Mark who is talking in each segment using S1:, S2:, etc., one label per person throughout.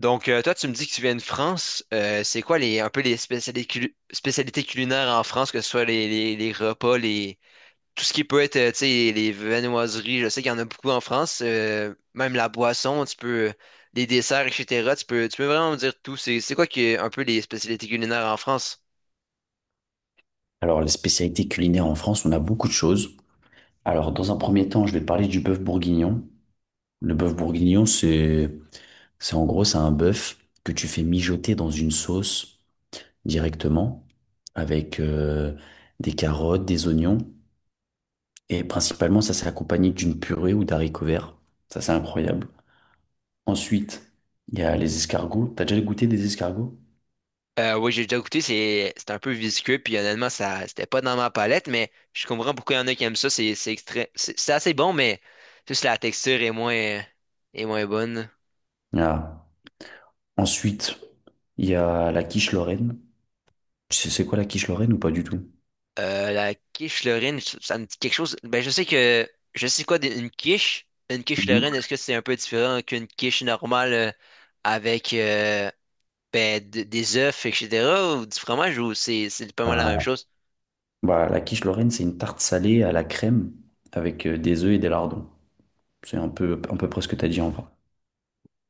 S1: Donc, toi, tu me dis que tu viens de France. C'est quoi les, un peu les spécialités, spécialités culinaires en France, que ce soit les repas, les, tout ce qui peut être, tu sais, les viennoiseries. Je sais qu'il y en a beaucoup en France. Même la boisson, tu peux, les desserts, et cetera. Tu peux vraiment me dire tout. C'est quoi qui est un peu les spécialités culinaires en France?
S2: Alors, les spécialités culinaires en France, on a beaucoup de choses. Alors, dans un premier temps, je vais parler du bœuf bourguignon. Le bœuf bourguignon, c'est en gros, c'est un bœuf que tu fais mijoter dans une sauce directement avec des carottes, des oignons. Et principalement, ça, c'est accompagné d'une purée ou d'haricots verts. Ça, c'est incroyable. Ensuite, il y a les escargots. T'as déjà goûté des escargots?
S1: Oui, j'ai déjà goûté. C'est un peu visqueux. Puis honnêtement, ça, c'était pas dans ma palette, mais je comprends pourquoi il y en a qui aiment ça. C'est extra- c'est assez bon, mais juste la texture est moins bonne.
S2: Ah. Ensuite, il y a la quiche Lorraine. Tu sais c'est quoi la quiche Lorraine ou pas du tout?
S1: La quiche Lorraine, ça me dit quelque chose. Ben, je sais que, je sais quoi d'une quiche. Une quiche
S2: Mhm.
S1: Lorraine, est-ce que c'est un peu différent qu'une quiche normale, avec des œufs, etc., ou du fromage, ou c'est pas mal la même
S2: Bah,
S1: chose?
S2: Bah, la quiche Lorraine, c'est une tarte salée à la crème avec des œufs et des lardons. C'est un peu près ce que tu as dit en vrai.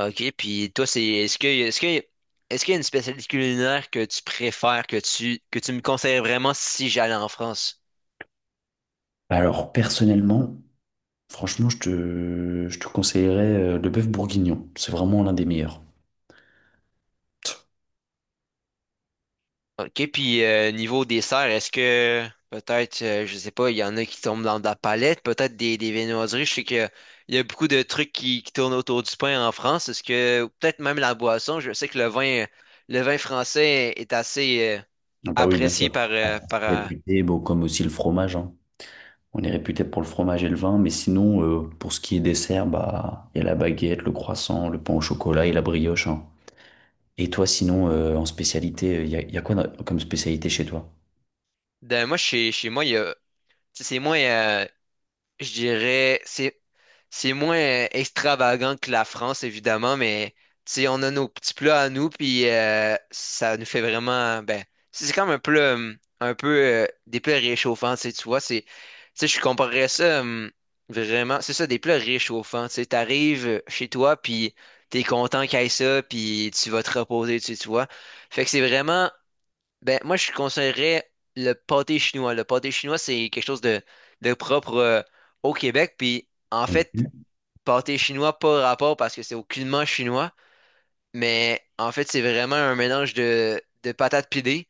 S1: Ok, puis toi, c'est est-ce qu'il y a une spécialité culinaire que tu préfères, que tu me conseilles vraiment si j'allais en France?
S2: Alors, personnellement, franchement, je te conseillerais le bœuf bourguignon. C'est vraiment l'un des meilleurs.
S1: OK, puis niveau dessert, est-ce que peut-être, je sais pas, il y en a qui tombent dans de la palette, peut-être des viennoiseries. Je sais qu'il y a beaucoup de trucs qui tournent autour du pain en France. Est-ce que, ou peut-être même la boisson, je sais que le vin français est assez,
S2: Ah bah oui, bien
S1: apprécié
S2: sûr.
S1: par,
S2: Réputé, bon, comme aussi le fromage, hein. On est réputé pour le fromage et le vin, mais sinon, pour ce qui est dessert, bah, il y a la baguette, le croissant, le pain au chocolat et la brioche, hein. Et toi, sinon, en spécialité, y a quoi comme spécialité chez toi?
S1: moi, chez moi, il y a, tu sais, c'est moins, je dirais, c'est moins extravagant que la France, évidemment, mais tu sais, on a nos petits plats à nous, puis ça nous fait vraiment, ben, c'est comme un plat, un peu des plats réchauffants, tu sais, tu vois, c'est, tu sais, je comparerais ça, vraiment, c'est ça, des plats réchauffants, tu sais, t'arrives chez toi, puis t'es content qu'il y ait ça, puis tu vas te reposer, tu sais, tu vois. Fait que c'est vraiment, ben, moi, je conseillerais le pâté chinois. Le pâté chinois, c'est quelque chose de propre, au Québec. Puis, en fait,
S2: Ok.
S1: pâté chinois, pas rapport parce que c'est aucunement chinois. Mais en fait, c'est vraiment un mélange de patates pilées,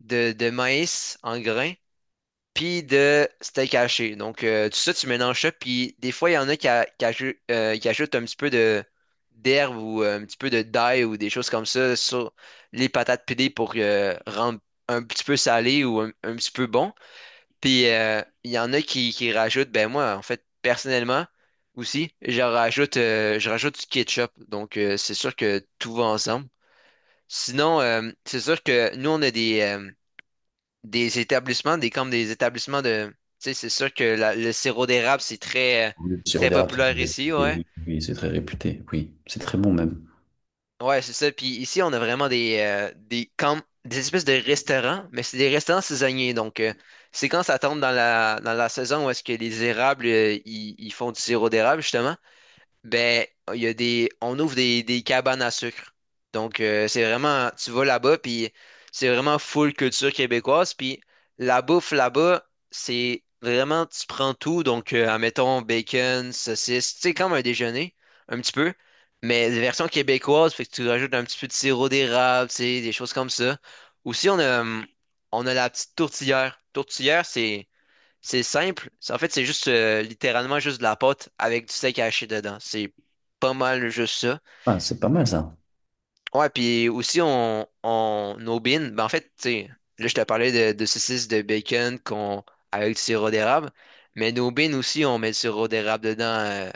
S1: de maïs en grains, puis de steak haché. Donc, tout ça, tu mélanges ça. Puis, des fois, il y en a qui, qui ajoutent un petit peu de d'herbe ou un petit peu de d'ail ou des choses comme ça sur les patates pilées pour rendre un petit peu salé ou un petit peu bon. Puis, il y en a qui, rajoutent, ben moi, en fait, personnellement, aussi, je rajoute du ketchup. Donc, c'est sûr que tout va ensemble. Sinon, c'est sûr que nous, on a des établissements, des comme des établissements de. Tu sais, c'est sûr que le sirop d'érable, c'est très,
S2: Oui, le sirop
S1: très
S2: d'érable, c'est
S1: populaire
S2: très
S1: ici,
S2: réputé,
S1: ouais.
S2: oui, oui, c'est très réputé, oui, c'est très bon même.
S1: Ouais, c'est ça. Puis ici, on a vraiment comme, des espèces de restaurants, mais c'est des restaurants saisonniers. Donc, c'est quand ça tombe dans la saison où est-ce que les érables, ils font du sirop d'érable, justement. Ben, il y a des, on ouvre des cabanes à sucre. Donc, c'est vraiment, tu vas là-bas, puis c'est vraiment full culture québécoise. Puis la bouffe là-bas, c'est vraiment, tu prends tout. Donc, admettons, bacon, saucisse, tu sais, comme un déjeuner, un petit peu. Mais version québécoise, fait que tu rajoutes un petit peu de sirop d'érable, tu sais, des choses comme ça. Aussi, on a la petite tourtière. Tourtière, c'est simple. En fait, c'est juste littéralement juste de la pâte avec du steak haché dedans. C'est pas mal juste ça.
S2: Ah, c'est pas mal ça.
S1: Ouais, puis aussi on aubine. Ben, en fait, tu sais, là je te parlais de saucisses de bacon qu'on avec du sirop d'érable, mais nos bines aussi on met du sirop d'érable dedans,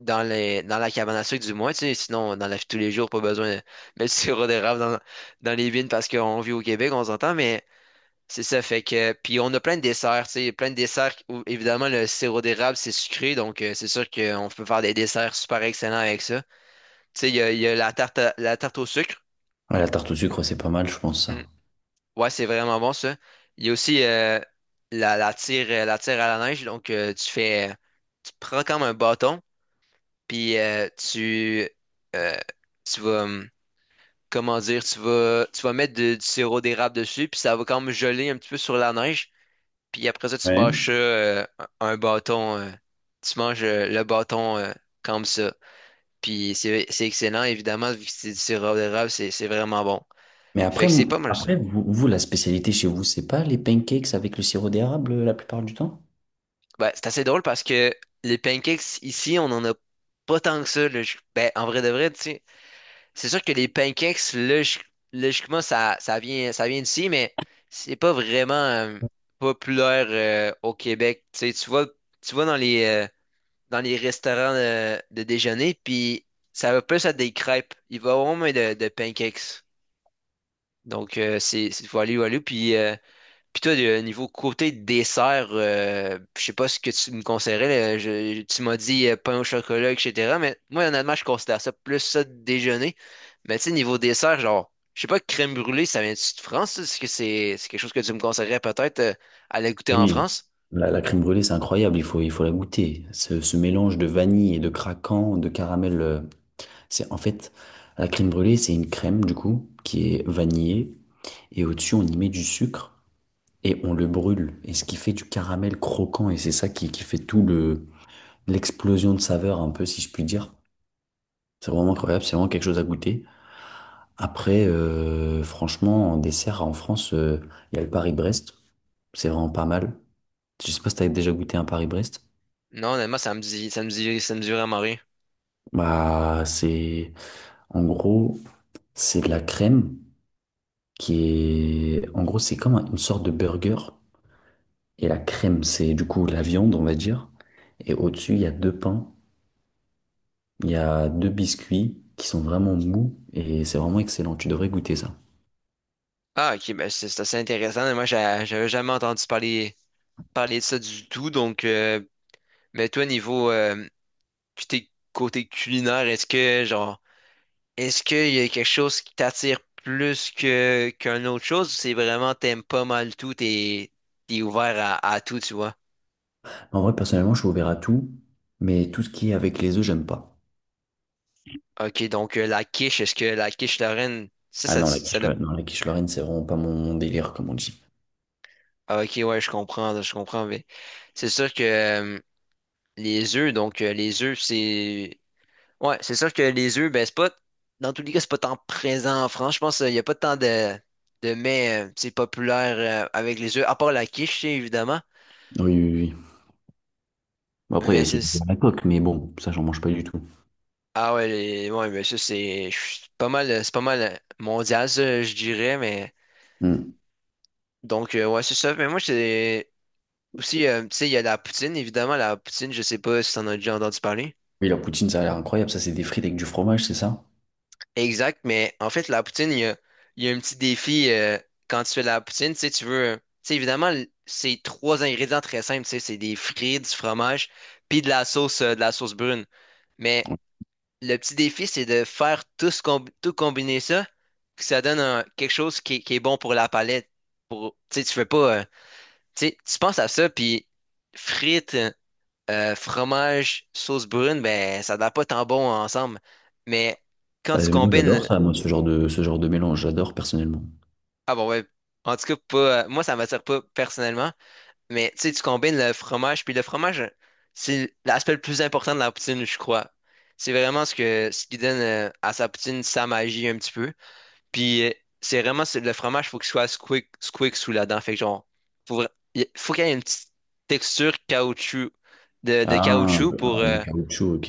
S1: dans la cabane à sucre du moins, tu sais, sinon dans la vie de tous les jours pas besoin de mettre du sirop d'érable dans les bines parce qu'on vit au Québec, on s'entend, mais c'est ça, fait que. Puis on a plein de desserts, tu sais, plein de desserts où évidemment le sirop d'érable, c'est sucré, donc c'est sûr qu'on peut faire des desserts super excellents avec ça. Tu sais, il y a la tarte au sucre.
S2: Ouais, la tarte au sucre, c'est pas mal, je pense
S1: Mm.
S2: ça.
S1: Ouais, c'est vraiment bon ça. Il y a aussi la tire à la neige, donc tu fais. Tu prends comme un bâton, puis euh, tu vas. Comment dire, tu vas mettre du sirop d'érable dessus, puis ça va comme geler un petit peu sur la neige. Puis après ça, tu
S2: Ouais.
S1: bâches ça, un bâton. Tu manges le bâton, comme ça. Puis c'est excellent, évidemment, vu que c'est du sirop d'érable, c'est vraiment bon.
S2: Mais
S1: Fait
S2: après,
S1: que c'est pas mal ça.
S2: après la spécialité chez vous, c'est pas les pancakes avec le sirop d'érable la plupart du temps?
S1: Ben, c'est assez drôle parce que les pancakes ici, on en a pas tant que ça, là. Ben, en vrai de vrai, tu sais, c'est sûr que les pancakes, logiquement, ça vient d'ici, mais c'est pas vraiment populaire, au Québec. Tu sais, tu vois, dans les, restaurants de déjeuner, puis ça va plus à des crêpes. Il va avoir moins de pancakes. Donc, c'est voilu, voilu. Puis toi, niveau côté dessert, je sais pas ce que tu me conseillerais, là. Tu m'as dit pain au chocolat, etc. Mais moi, honnêtement, je considère ça plus ça de déjeuner. Mais tu sais, niveau dessert, genre, je sais pas, crème brûlée, ça vient-tu de France? Ça? Est-ce que c'est quelque chose que tu me conseillerais peut-être, à aller goûter en
S2: Oui.
S1: France?
S2: La crème brûlée, c'est incroyable, il faut la goûter. Ce mélange de vanille et de craquant, de caramel, c'est en fait, la crème brûlée, c'est une crème du coup qui est vanillée et au-dessus, on y met du sucre, et on le brûle. Et ce qui fait du caramel croquant, et c'est ça qui fait tout le, l'explosion de saveur, un peu, si je puis dire. C'est vraiment incroyable, c'est vraiment quelque chose à goûter. Après, franchement, en dessert en France, il y a le Paris-Brest. C'est vraiment pas mal. Je sais pas si t'avais déjà goûté un Paris-Brest.
S1: Non, honnêtement, ça me dit, ça me dit, ça me dit vraiment rien.
S2: Bah, c'est, en gros, c'est de la crème qui est, en gros, c'est comme une sorte de burger. Et la crème, c'est du coup la viande, on va dire. Et au-dessus, il y a deux pains. Il y a deux biscuits qui sont vraiment mous et c'est vraiment excellent. Tu devrais goûter ça.
S1: Ah, ok, ben c'est assez intéressant. Moi, j'avais jamais entendu parler de ça du tout. Donc, mais toi, niveau côté culinaire, est-ce que, genre, est-ce qu'il y a quelque chose qui t'attire plus que qu'une autre chose ou c'est vraiment t'aimes pas mal tout, t'es ouvert à tout, tu vois?
S2: En vrai, personnellement, je suis ouvert à tout, mais tout ce qui est avec les œufs, j'aime pas.
S1: Ok, donc la quiche, est-ce que la quiche Lorraine,
S2: Ah non, la quiche, non, la quiche Lorraine, c'est vraiment pas mon, mon délire, comme on dit.
S1: ah, ok, ouais, je comprends, mais c'est sûr que, les œufs, donc les œufs, c'est. Ouais, c'est sûr que les œufs, ben, c'est pas, dans tous les cas, c'est pas tant présent en France. Je pense qu'il n'y a pas tant de mets, c'est populaire, avec les œufs, à part la quiche, tu sais, évidemment.
S2: Oui, oui, oui. Bon, après, il y a
S1: Mais
S2: aussi
S1: c'est.
S2: la coque, mais bon, ça, j'en mange pas du tout.
S1: Ah ouais, ouais, mais ça, c'est je suis pas mal, c'est pas mal, mondial, ça, je dirais. Mais
S2: Hmm.
S1: donc, ouais, c'est ça. Mais moi, c'est aussi, tu sais, il y a la poutine, évidemment. La poutine, je sais pas si t'en as déjà entendu parler.
S2: Oui, la poutine, ça a l'air incroyable. Ça, c'est des frites avec du fromage, c'est ça?
S1: Exact, mais en fait, la poutine, il y a un petit défi, quand tu fais de la poutine, tu sais, tu veux, tu sais, évidemment, c'est trois ingrédients très simples, tu sais, c'est des frites, du fromage, puis de la sauce brune. Mais le petit défi, c'est de faire tout, tout combiner ça, que ça donne quelque chose qui est bon pour la palette. Pour, tu sais, tu fais pas, tu sais, tu penses à ça, puis frites, fromage, sauce brune, ben, ça n'a pas tant bon ensemble. Mais quand
S2: Bah,
S1: tu
S2: moi, j'adore
S1: combines.
S2: ça, moi, ce genre de mélange. J'adore personnellement.
S1: Ah bon, ouais. En tout cas, pas, moi, ça m'attire pas personnellement. Mais tu sais, tu combines le fromage. Puis le fromage, c'est l'aspect le plus important de la poutine, je crois. C'est vraiment ce que ce qui donne, à sa poutine sa magie un petit peu. Puis le fromage, faut qu'il soit squick, squick sous la dent. Fait que genre, faut, il faut qu'il y ait une petite texture caoutchouc de
S2: Ah,
S1: caoutchouc pour,
S2: de caoutchouc, ok.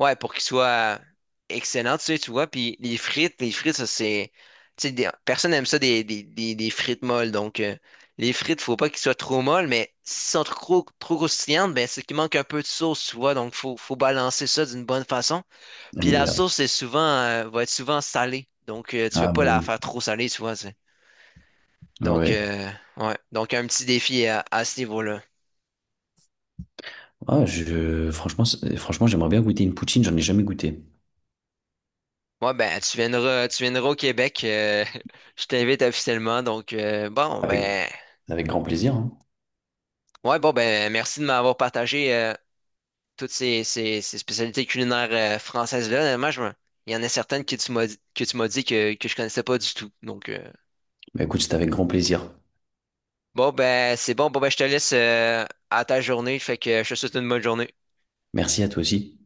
S1: ouais, pour qu'il soit excellent, tu sais, tu vois. Puis les frites, ça c'est. Tu sais, personne n'aime ça des frites molles. Donc, les frites, faut pas qu'ils soient trop molles, mais s'ils sont trop, trop croustillantes, ben c'est qu'il manque un peu de sauce, tu vois. Donc, faut balancer ça d'une bonne façon. Puis la
S2: MDR.
S1: sauce, c'est souvent, va être souvent salée. Donc, tu veux
S2: Ah,
S1: pas
S2: bah
S1: la
S2: oui.
S1: faire trop salée, tu vois. C'est. Donc,
S2: Ouais,
S1: ouais. Donc, un petit défi à ce niveau-là.
S2: Ah, je, franchement, franchement, j'aimerais bien goûter une poutine, j'en ai jamais goûté.
S1: Ouais, ben, tu viendras au Québec. Je t'invite officiellement. Donc, bon,
S2: Avec,
S1: ben.
S2: avec grand plaisir, hein.
S1: Ouais, bon, ben, merci de m'avoir partagé toutes ces spécialités culinaires françaises-là. Honnêtement, il y en a certaines que tu m'as dit que je connaissais pas du tout. Donc,
S2: Bah écoute, c'était avec grand plaisir.
S1: bon, ben, c'est bon. Bon, ben, je te laisse, à ta journée. Fait que je te souhaite une bonne journée.
S2: Merci à toi aussi.